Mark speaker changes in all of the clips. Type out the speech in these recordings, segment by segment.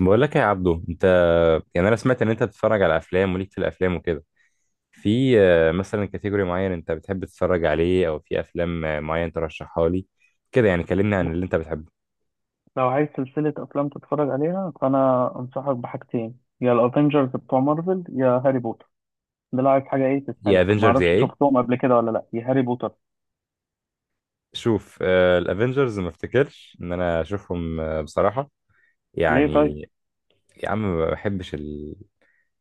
Speaker 1: بقول لك يا عبدو، انت يعني انا سمعت ان انت بتتفرج على افلام وليك في الافلام وكده. في مثلا كاتيجوري معين انت بتحب تتفرج عليه، او في افلام معين ترشحها لي كده. يعني كلمني عن اللي
Speaker 2: بص،
Speaker 1: انت بتحبه.
Speaker 2: لو عايز سلسلة أفلام تتفرج عليها فأنا أنصحك بحاجتين، يا الأفينجرز بتوع مارفل يا هاري بوتر. ده لو عايز حاجة. إيه
Speaker 1: يا
Speaker 2: تسحلك،
Speaker 1: افنجرز يا
Speaker 2: معرفش
Speaker 1: ايه؟
Speaker 2: شفتهم قبل كده ولا لأ، يا هاري بوتر.
Speaker 1: شوف، الافنجرز ما افتكرش ان انا اشوفهم بصراحة
Speaker 2: ليه
Speaker 1: يعني.
Speaker 2: طيب؟
Speaker 1: يا عم ما بحبش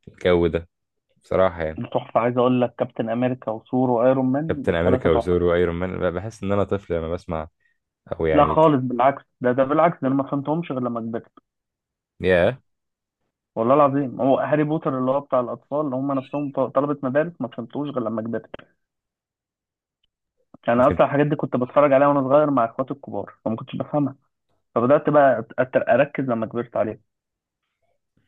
Speaker 1: الجو ده بصراحة يعني.
Speaker 2: دي تحفة، عايز أقول لك كابتن أمريكا وثور وأيرون مان
Speaker 1: كابتن امريكا
Speaker 2: التلاتة تحفة.
Speaker 1: وثور وايرون مان، بحس ان انا طفل لما بسمع، او
Speaker 2: لا
Speaker 1: يعني.
Speaker 2: خالص، بالعكس، ده بالعكس، ده أنا ما فهمتهمش غير لما كبرت.
Speaker 1: يا
Speaker 2: والله العظيم هو هاري بوتر اللي هو بتاع الأطفال اللي هم نفسهم طلبة مدارس ما فهمتوش غير لما كبرت. أنا
Speaker 1: yeah.
Speaker 2: أصلا الحاجات دي كنت بتفرج عليها وأنا صغير مع إخواتي الكبار فما كنتش بفهمها. فبدأت بقى أركز لما كبرت عليها.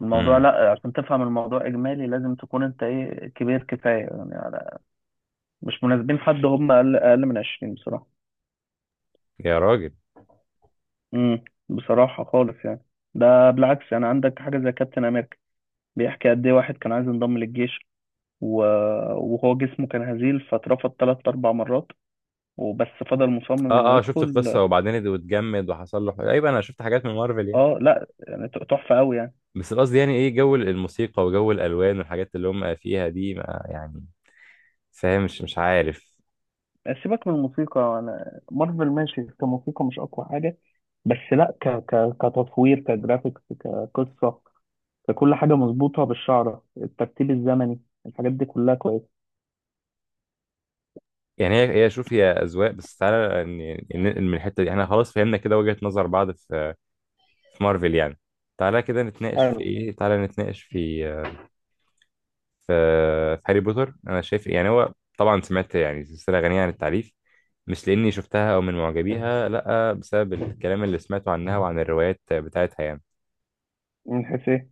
Speaker 2: الموضوع، لا عشان تفهم الموضوع اجمالي لازم تكون انت، ايه، كبير كفايه، يعني على، مش مناسبين حد هم اقل من 20 بصراحه.
Speaker 1: يا راجل.
Speaker 2: بصراحه خالص يعني. ده بالعكس، يعني عندك حاجه زي كابتن امريكا، بيحكي قد ايه واحد كان عايز ينضم للجيش و... وهو جسمه كان هزيل، فاترفض ثلاث اربع مرات وبس، فضل مصمم انه
Speaker 1: اه شفت
Speaker 2: يدخل.
Speaker 1: القصه وبعدين اتجمد وحصل له حاجة. ايوه انا شفت حاجات من مارفل يعني.
Speaker 2: اه لا يعني تحفه قوي يعني.
Speaker 1: بس قصدي يعني، ايه جو الموسيقى وجو الالوان والحاجات اللي هم فيها دي ما يعني فاهم، مش عارف.
Speaker 2: سيبك من الموسيقى، انا مارفل ماشي كموسيقى، مش اقوى حاجه، بس لا كتصوير، كجرافيكس، كقصه، فكل حاجة مظبوطة بالشعرة، الترتيب الزمني، الحاجات دي كلها كويسة.
Speaker 1: يعني هي شوف، هي اذواق بس. تعالى ننقل من الحته دي، احنا خلاص فهمنا كده وجهه نظر بعض في مارفل يعني. تعالى كده نتناقش في
Speaker 2: حلو.
Speaker 1: ايه، تعالى نتناقش في في هاري بوتر. انا شايف يعني، هو طبعا سمعت يعني سلسله غنيه عن التعريف، مش لاني شفتها او من معجبيها، لا بسبب الكلام اللي سمعته عنها وعن الروايات بتاعتها يعني.
Speaker 2: من حيث ايه؟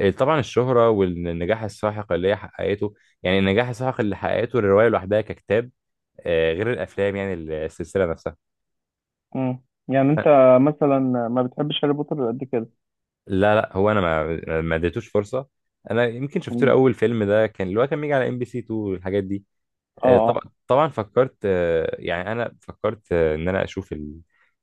Speaker 1: طبعا الشهره والنجاح الساحق اللي هي حققته. يعني النجاح الساحق اللي حققته الروايه لوحدها ككتاب، غير الافلام يعني، السلسله نفسها.
Speaker 2: مم. يعني انت مثلا ما بتحبش هاري بوتر قد كده؟
Speaker 1: لا، لا، هو انا ما اديتوش فرصه. انا يمكن شفت له
Speaker 2: مم.
Speaker 1: اول فيلم، ده كان اللي هو كان بيجي على ام بي سي 2 والحاجات دي.
Speaker 2: اه
Speaker 1: طبعا
Speaker 2: اه.
Speaker 1: طبعا فكرت، يعني انا فكرت، ان انا اشوف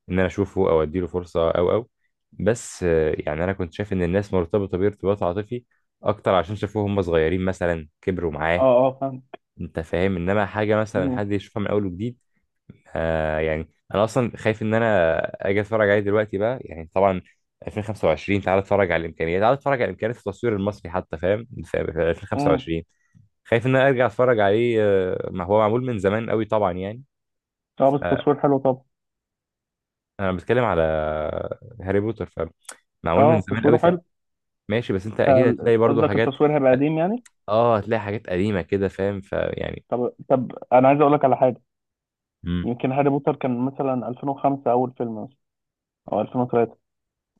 Speaker 1: ان انا اشوفه او اديله فرصه او. بس يعني انا كنت شايف ان الناس مرتبطه بيه ارتباط عاطفي اكتر عشان شافوه هم صغيرين مثلا كبروا
Speaker 2: اه
Speaker 1: معاه.
Speaker 2: اه فاهم.
Speaker 1: انت فاهم، انما حاجه مثلا
Speaker 2: مم.
Speaker 1: حد يشوفها من اول وجديد. يعني انا اصلا خايف ان انا اجي اتفرج عليه دلوقتي بقى، يعني طبعا 2025 تعال اتفرج على الامكانيات، تعال اتفرج على امكانيات التصوير المصري حتى، فاهم؟ في
Speaker 2: مم.
Speaker 1: 2025. خايف ان انا ارجع اتفرج عليه، ما هو معمول من زمان قوي طبعا يعني.
Speaker 2: اه بس
Speaker 1: فانا
Speaker 2: التصوير حلو طبعا.
Speaker 1: بتكلم على هاري بوتر، فمعمول من
Speaker 2: اه
Speaker 1: زمان
Speaker 2: تصويره
Speaker 1: قوي.
Speaker 2: حلو.
Speaker 1: فماشي، بس انت اكيد هتلاقي
Speaker 2: انت
Speaker 1: برضو
Speaker 2: قصدك
Speaker 1: حاجات.
Speaker 2: التصوير هيبقى قديم يعني؟
Speaker 1: اه هتلاقي حاجات قديمة كده، فاهم، فيعني.
Speaker 2: طب طب، انا عايز اقول لك على حاجة.
Speaker 1: مم.
Speaker 2: يمكن هاري بوتر كان مثلا 2005 اول فيلم، مثلا او 2003.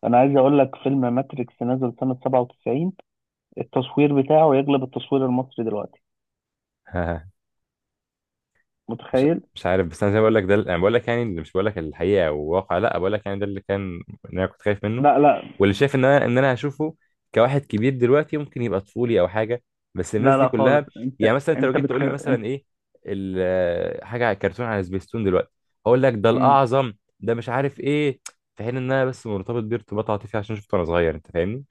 Speaker 2: انا عايز اقول لك فيلم ماتريكس نزل سنة 97، التصوير بتاعه يغلب التصوير المصري دلوقتي.
Speaker 1: مش
Speaker 2: متخيل؟
Speaker 1: مش عارف، بس انا زي ما بقول لك، ده انا بقول لك يعني، اللي مش بقول لك الحقيقه والواقع، لا بقول لك يعني ده اللي كان، ان انا كنت خايف منه.
Speaker 2: لا، لا
Speaker 1: واللي شايف ان انا هشوفه كواحد كبير دلوقتي ممكن يبقى طفولي او حاجه. بس الناس
Speaker 2: لا
Speaker 1: دي
Speaker 2: لا خالص،
Speaker 1: كلها. يعني مثلا انت لو جيت تقول لي مثلا
Speaker 2: انت.
Speaker 1: ايه، حاجه على كرتون على سبيستون دلوقتي، هقول لك ده
Speaker 2: مم.
Speaker 1: الاعظم، ده مش عارف ايه. في حين ان انا بس مرتبط بيه ارتباط عاطفي عشان شفته وانا صغير. انت فاهمني؟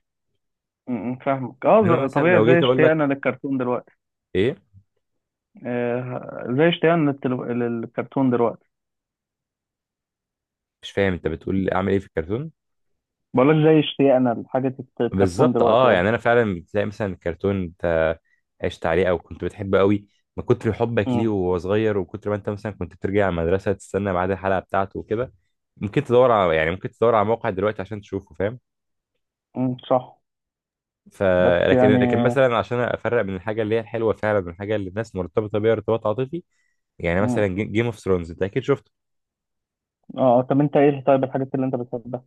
Speaker 2: مم. فاهمك اه.
Speaker 1: انما مثلا
Speaker 2: طبيعي،
Speaker 1: لو
Speaker 2: زي
Speaker 1: جيت اقول
Speaker 2: اشتياقنا
Speaker 1: لك
Speaker 2: للكرتون دلوقتي.
Speaker 1: ايه.
Speaker 2: آه، زي اشتياقنا للكرتون دلوقتي.
Speaker 1: مش فاهم، انت بتقول اعمل ايه في الكرتون؟
Speaker 2: بقولك زي اشتياقنا لحاجة الكرتون
Speaker 1: بالظبط
Speaker 2: دلوقتي
Speaker 1: اه،
Speaker 2: قصدي.
Speaker 1: يعني انا فعلا بتلاقي مثلا الكرتون انت عشت عليه او كنت بتحبه قوي من كتر حبك ليه
Speaker 2: مم.
Speaker 1: وهو صغير، وكتر ما انت مثلا كنت بترجع المدرسه تستنى ميعاد الحلقه بتاعته وكده، ممكن تدور على يعني ممكن تدور على موقع دلوقتي عشان تشوفه، فاهم؟
Speaker 2: مم. صح.
Speaker 1: ف،
Speaker 2: بس
Speaker 1: لكن
Speaker 2: يعني.
Speaker 1: مثلا عشان افرق بين الحاجه اللي هي الحلوه فعلا من الحاجه اللي الناس مرتبطه بيها ارتباط عاطفي، يعني مثلا
Speaker 2: مم.
Speaker 1: جيم اوف ثرونز انت اكيد شفته.
Speaker 2: اه طب انت ايه طيب الحاجات اللي انت بتحبها؟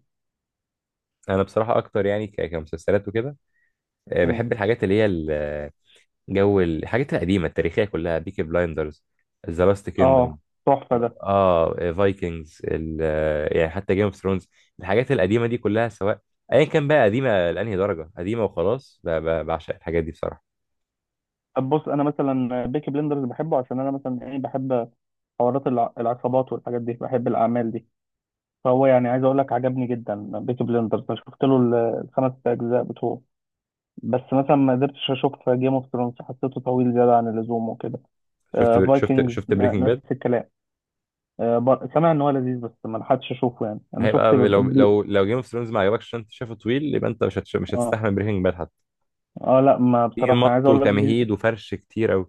Speaker 1: انا بصراحه اكتر يعني كمسلسلات وكده،
Speaker 2: مم.
Speaker 1: بحب الحاجات اللي هي جو الحاجات القديمه التاريخيه كلها: بيكي بلايندرز، ذا لاست كيندم،
Speaker 2: اه تحفة ده.
Speaker 1: اه فايكنجز، يعني حتى جيم اوف ثرونز، الحاجات القديمه دي كلها سواء ايا كان بقى قديمه لانهي درجه، قديمه وخلاص. بعشق الحاجات دي بصراحه.
Speaker 2: طب بص، انا مثلا بيكي بلندرز بحبه عشان انا مثلا، ايه، بحب حوارات العصابات والحاجات دي، بحب الاعمال دي. فهو يعني عايز اقول لك عجبني جدا بيكي بليندرز، انا شفت له الخمس اجزاء بتوعه. بس مثلا ما قدرتش اشوف جيم اوف ثرونز، حسيته طويل زياده عن اللزوم وكده.
Speaker 1: شفت شفت
Speaker 2: فايكنجز
Speaker 1: شفت بريكنج
Speaker 2: نفس
Speaker 1: باد؟
Speaker 2: الكلام، سامع ان هو لذيذ بس ما لحقتش اشوفه، يعني انا شفت
Speaker 1: هيبقى لو لو جيم اوف ثرونز ما عجبكش عشان انت شايفه طويل، يبقى انت مش
Speaker 2: اه
Speaker 1: هتستحمل بريكنج باد حتى،
Speaker 2: اه. لا ما
Speaker 1: في
Speaker 2: بصراحه، عايز
Speaker 1: مط
Speaker 2: اقول لك
Speaker 1: وتمهيد وفرش كتير قوي.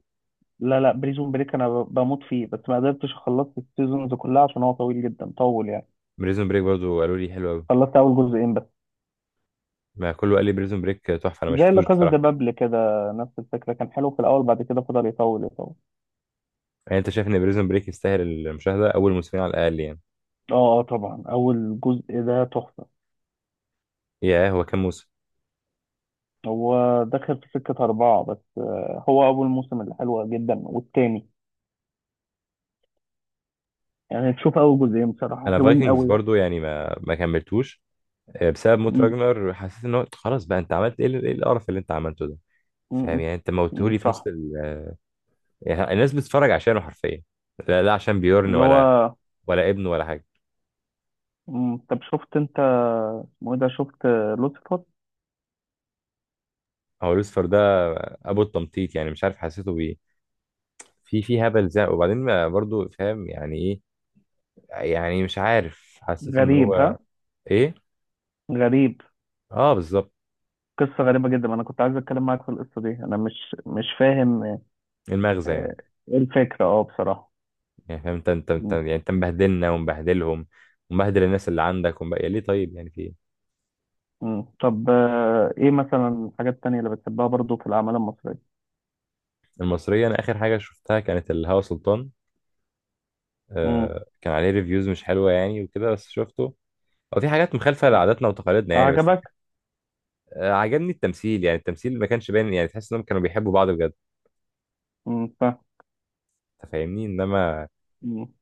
Speaker 2: لا لا، بريزون بريك انا بموت فيه، بس ما قدرتش خلصت السيزونز كلها عشان هو طويل جدا، طول يعني.
Speaker 1: بريزون بريك برضو قالوا لي حلو قوي.
Speaker 2: خلصت اول جزئين بس.
Speaker 1: ما كله قال لي بريزون بريك تحفه، انا ما
Speaker 2: زي لا
Speaker 1: شفتوش
Speaker 2: كازا دي
Speaker 1: بصراحه.
Speaker 2: بابل كده، نفس الفكره، كان حلو في الاول بعد كده فضل يطول يطول.
Speaker 1: يعني انت شايف ان بريزون بريك يستاهل المشاهده اول موسمين على الاقل يعني؟
Speaker 2: اه آه، طبعا اول جزء ده تحفه.
Speaker 1: ياه، هو كام موسم؟
Speaker 2: هو دخل في سكه اربعه بس، آه، هو اول موسم اللي حلوه جدا والتاني، يعني تشوف اول جزئين بصراحه
Speaker 1: انا
Speaker 2: حلوين
Speaker 1: فايكنجز
Speaker 2: قوي يعني.
Speaker 1: برضو يعني ما كملتوش، بسبب موت
Speaker 2: مم.
Speaker 1: راجنر. حسيت ان هو خلاص بقى، انت عملت ايه إيه القرف اللي انت عملته ده؟ فاهم؟
Speaker 2: مم.
Speaker 1: يعني انت
Speaker 2: مم.
Speaker 1: موتهولي في نص
Speaker 2: صح.
Speaker 1: يعني الناس بتتفرج عشانه حرفيا، لا، لا، عشان بيورن،
Speaker 2: اللي
Speaker 1: ولا
Speaker 2: هو.
Speaker 1: ولا ابنه ولا حاجه.
Speaker 2: مم. طب شفت انت، اسمه ايه ده، شفت لوسيفر؟
Speaker 1: هو لوسفر ده ابو التمطيط، يعني مش عارف حسيته بايه، في هبل زي وبعدين، ما برضو فاهم يعني ايه. يعني مش عارف، حسيت ان
Speaker 2: غريب
Speaker 1: هو
Speaker 2: ها؟
Speaker 1: ايه.
Speaker 2: غريب.
Speaker 1: اه بالظبط.
Speaker 2: قصه غريبه جدا، انا كنت عايز اتكلم معاك في القصه دي، انا مش فاهم.
Speaker 1: المغزى يعني.
Speaker 2: آه، ايه الفكره، اه بصراحه.
Speaker 1: يعني فاهم؟ انت
Speaker 2: مم.
Speaker 1: يعني انت مبهدلنا ومبهدلهم ومبهدل الناس اللي عندك يا، ليه طيب؟ يعني في ايه؟
Speaker 2: مم. طب آه، ايه مثلا الحاجات التانية اللي بتحبها برضو في الاعمال المصريه؟
Speaker 1: المصرية، انا اخر حاجة شفتها كانت الهوى سلطان.
Speaker 2: امم
Speaker 1: كان عليه ريفيوز مش حلوة يعني وكده، بس شفته. هو في حاجات مخالفة لعاداتنا وتقاليدنا يعني، بس.
Speaker 2: عجبك؟
Speaker 1: عجبني التمثيل، يعني التمثيل ما كانش باين، يعني تحس انهم كانوا بيحبوا بعض بجد.
Speaker 2: امم ف...
Speaker 1: انت فاهمني؟ انما
Speaker 2: امم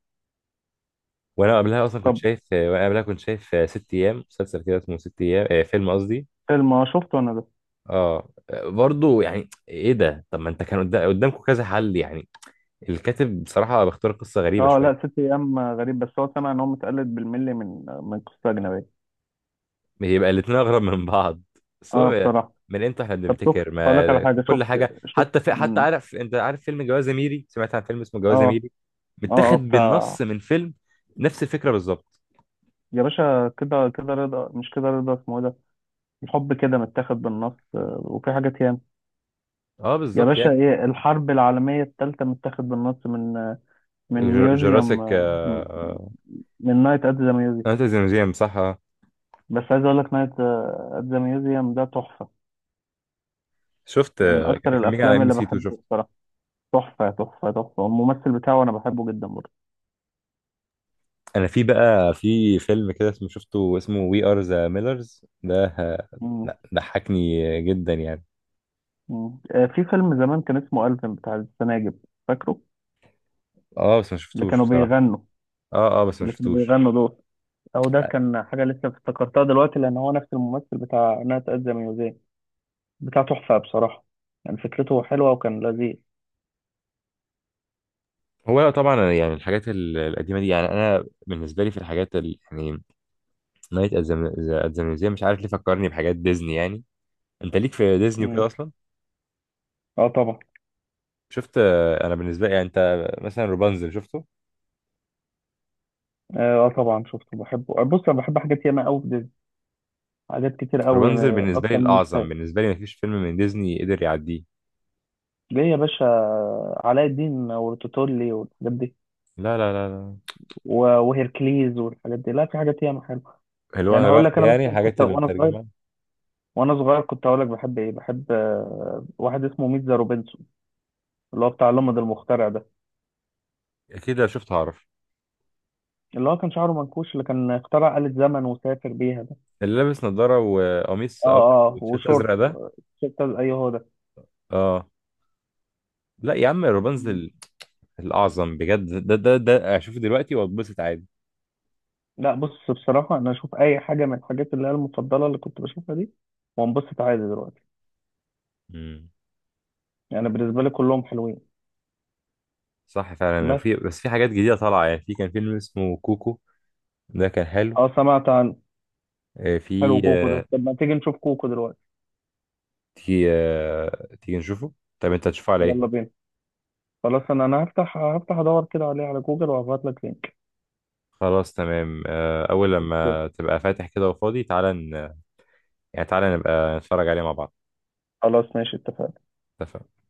Speaker 1: وانا قبلها اصلا كنت
Speaker 2: طب،
Speaker 1: شايف، وانا قبلها كنت شايف آه، ست ايام. مسلسل كده اسمه ست ايام، فيلم قصدي.
Speaker 2: فيلم شفته انا ده.
Speaker 1: اه برضه، يعني ايه ده؟ طب ما انت كان قدامكم كذا حل يعني. الكاتب بصراحة بيختار قصة غريبة
Speaker 2: اه لا، ست
Speaker 1: شوية.
Speaker 2: ايام غريب، بس هو سمع ان هو متقلد بالملي من قصه اجنبيه،
Speaker 1: بيبقى الاتنين أغرب من بعض. بس
Speaker 2: اه
Speaker 1: هو،
Speaker 2: بصراحه.
Speaker 1: من امتى احنا
Speaker 2: طب شفت،
Speaker 1: بنفتكر؟
Speaker 2: هقول لك على
Speaker 1: ما
Speaker 2: حاجه،
Speaker 1: كل
Speaker 2: شفت
Speaker 1: حاجة،
Speaker 2: شفت
Speaker 1: حتى في، حتى عارف، انت عارف فيلم جواز ميري؟ سمعت عن فيلم اسمه جواز
Speaker 2: اه
Speaker 1: ميري،
Speaker 2: اه اه
Speaker 1: متاخد
Speaker 2: بتاع.
Speaker 1: بالنص من فيلم، نفس الفكرة بالظبط.
Speaker 2: يا باشا كده كده رضا، مش كده رضا، اسمه إيه ده؟ الحب كده، متاخد بالنص آه، وفي حاجات ياما.
Speaker 1: اه
Speaker 2: يا
Speaker 1: بالظبط
Speaker 2: باشا،
Speaker 1: يعني،
Speaker 2: ايه الحرب العالميه الثالثه متاخد بالنص من ميوزيوم،
Speaker 1: جوراسيك.
Speaker 2: من نايت ات ذا.
Speaker 1: انت ميوزيوم صح. آه.
Speaker 2: بس عايز اقول لك نايت ات ذا ميوزيوم ده تحفه،
Speaker 1: شفت،
Speaker 2: من اكتر
Speaker 1: كان بيجي على
Speaker 2: الافلام
Speaker 1: ام بي
Speaker 2: اللي
Speaker 1: سي 2،
Speaker 2: بحبه
Speaker 1: شفت.
Speaker 2: بصراحه، تحفه تحفه تحفه، الممثل بتاعه انا بحبه جدا برضه.
Speaker 1: انا في بقى في فيلم كده اسمه، شفته اسمه وي ار ذا ميلرز ده،
Speaker 2: مم.
Speaker 1: لا، ضحكني جدا يعني.
Speaker 2: مم. آه، في فيلم زمان كان اسمه ألفين بتاع السناجب، فاكره؟
Speaker 1: اه بس ما
Speaker 2: اللي
Speaker 1: شفتوش
Speaker 2: كانوا
Speaker 1: بصراحة.
Speaker 2: بيغنوا
Speaker 1: اه بس ما
Speaker 2: اللي كانوا
Speaker 1: شفتوش.
Speaker 2: بيغنوا دول. او ده كان حاجه لسه افتكرتها دلوقتي لان هو نفس الممثل بتاع نايت ات ذا ميوزيوم بتاع، تحفه بصراحه، يعني فكرته حلوه وكان لذيذ.
Speaker 1: هو أنا طبعا يعني الحاجات القديمه دي، يعني انا بالنسبه لي في الحاجات يعني نايت ات ذا ميوزيوم مش عارف ليه فكرني بحاجات ديزني يعني. انت ليك في ديزني وكده
Speaker 2: مم.
Speaker 1: اصلا.
Speaker 2: اه طبعا.
Speaker 1: شفت؟ انا بالنسبه لي يعني، انت مثلا روبانزل شفته؟
Speaker 2: اه آه طبعا شفته بحبه، آه، بص انا بحب حاجات ياما قوي في ديزني، حاجات كتير قوي،
Speaker 1: روبانزل
Speaker 2: آه،
Speaker 1: بالنسبه لي
Speaker 2: اكتر من
Speaker 1: الاعظم،
Speaker 2: متخيل.
Speaker 1: بالنسبه لي ما فيش فيلم من ديزني قدر يعديه.
Speaker 2: ليه يا باشا؟ علاء الدين وتوتولي والحاجات دي،
Speaker 1: لا، لا، لا، لا،
Speaker 2: وهيركليز والحاجات دي، لا في حاجات ياما حلوه.
Speaker 1: اللي هو
Speaker 2: يعني هقول
Speaker 1: هيراقي
Speaker 2: لك انا
Speaker 1: يعني،
Speaker 2: مثلا
Speaker 1: الحاجات
Speaker 2: كنت
Speaker 1: اللي
Speaker 2: وانا صغير،
Speaker 1: مترجمه.
Speaker 2: كنت هقول لك بحب ايه، بحب آه، واحد اسمه ميتزا روبنسون، اللي هو بتاع لمض المخترع ده،
Speaker 1: اكيد لو شفته هعرف،
Speaker 2: اللي هو كان شعره منكوش، اللي كان اخترع آلة زمن وسافر بيها ده.
Speaker 1: اللي لابس نظاره وقميص
Speaker 2: اه
Speaker 1: ابيض
Speaker 2: اه
Speaker 1: وتيشيرت
Speaker 2: وشورت،
Speaker 1: ازرق ده.
Speaker 2: اي هو ده.
Speaker 1: اه لا يا عم،
Speaker 2: مم.
Speaker 1: روبانزل الأعظم بجد، ده أشوفه دلوقتي وأتبسط عادي.
Speaker 2: لا بص بصراحه، انا اشوف اي حاجه من الحاجات اللي هي المفضله اللي كنت بشوفها دي وانبسط عادي دلوقتي،
Speaker 1: امم.
Speaker 2: يعني بالنسبه لي كلهم حلوين.
Speaker 1: صح فعلا.
Speaker 2: بس.
Speaker 1: وفي، بس في حاجات جديدة طالعة يعني، في كان فيلم اسمه كوكو ده كان حلو.
Speaker 2: اه سمعت عن.
Speaker 1: آه، في
Speaker 2: حلو كوكو
Speaker 1: آه،
Speaker 2: ده، طب ما تيجي نشوف كوكو دلوقتي؟
Speaker 1: تيجي نشوفه. طب أنت هتشوفه على
Speaker 2: يلا
Speaker 1: إيه؟
Speaker 2: بينا، خلاص انا هفتح ادور كده عليه على جوجل وهبعت لك لينك.
Speaker 1: خلاص تمام. أول
Speaker 2: اوكي
Speaker 1: لما تبقى فاتح كده وفاضي، تعالى يعني تعالى نبقى نتفرج عليه مع بعض.
Speaker 2: خلاص، ماشي، اتفقنا.
Speaker 1: اتفقنا.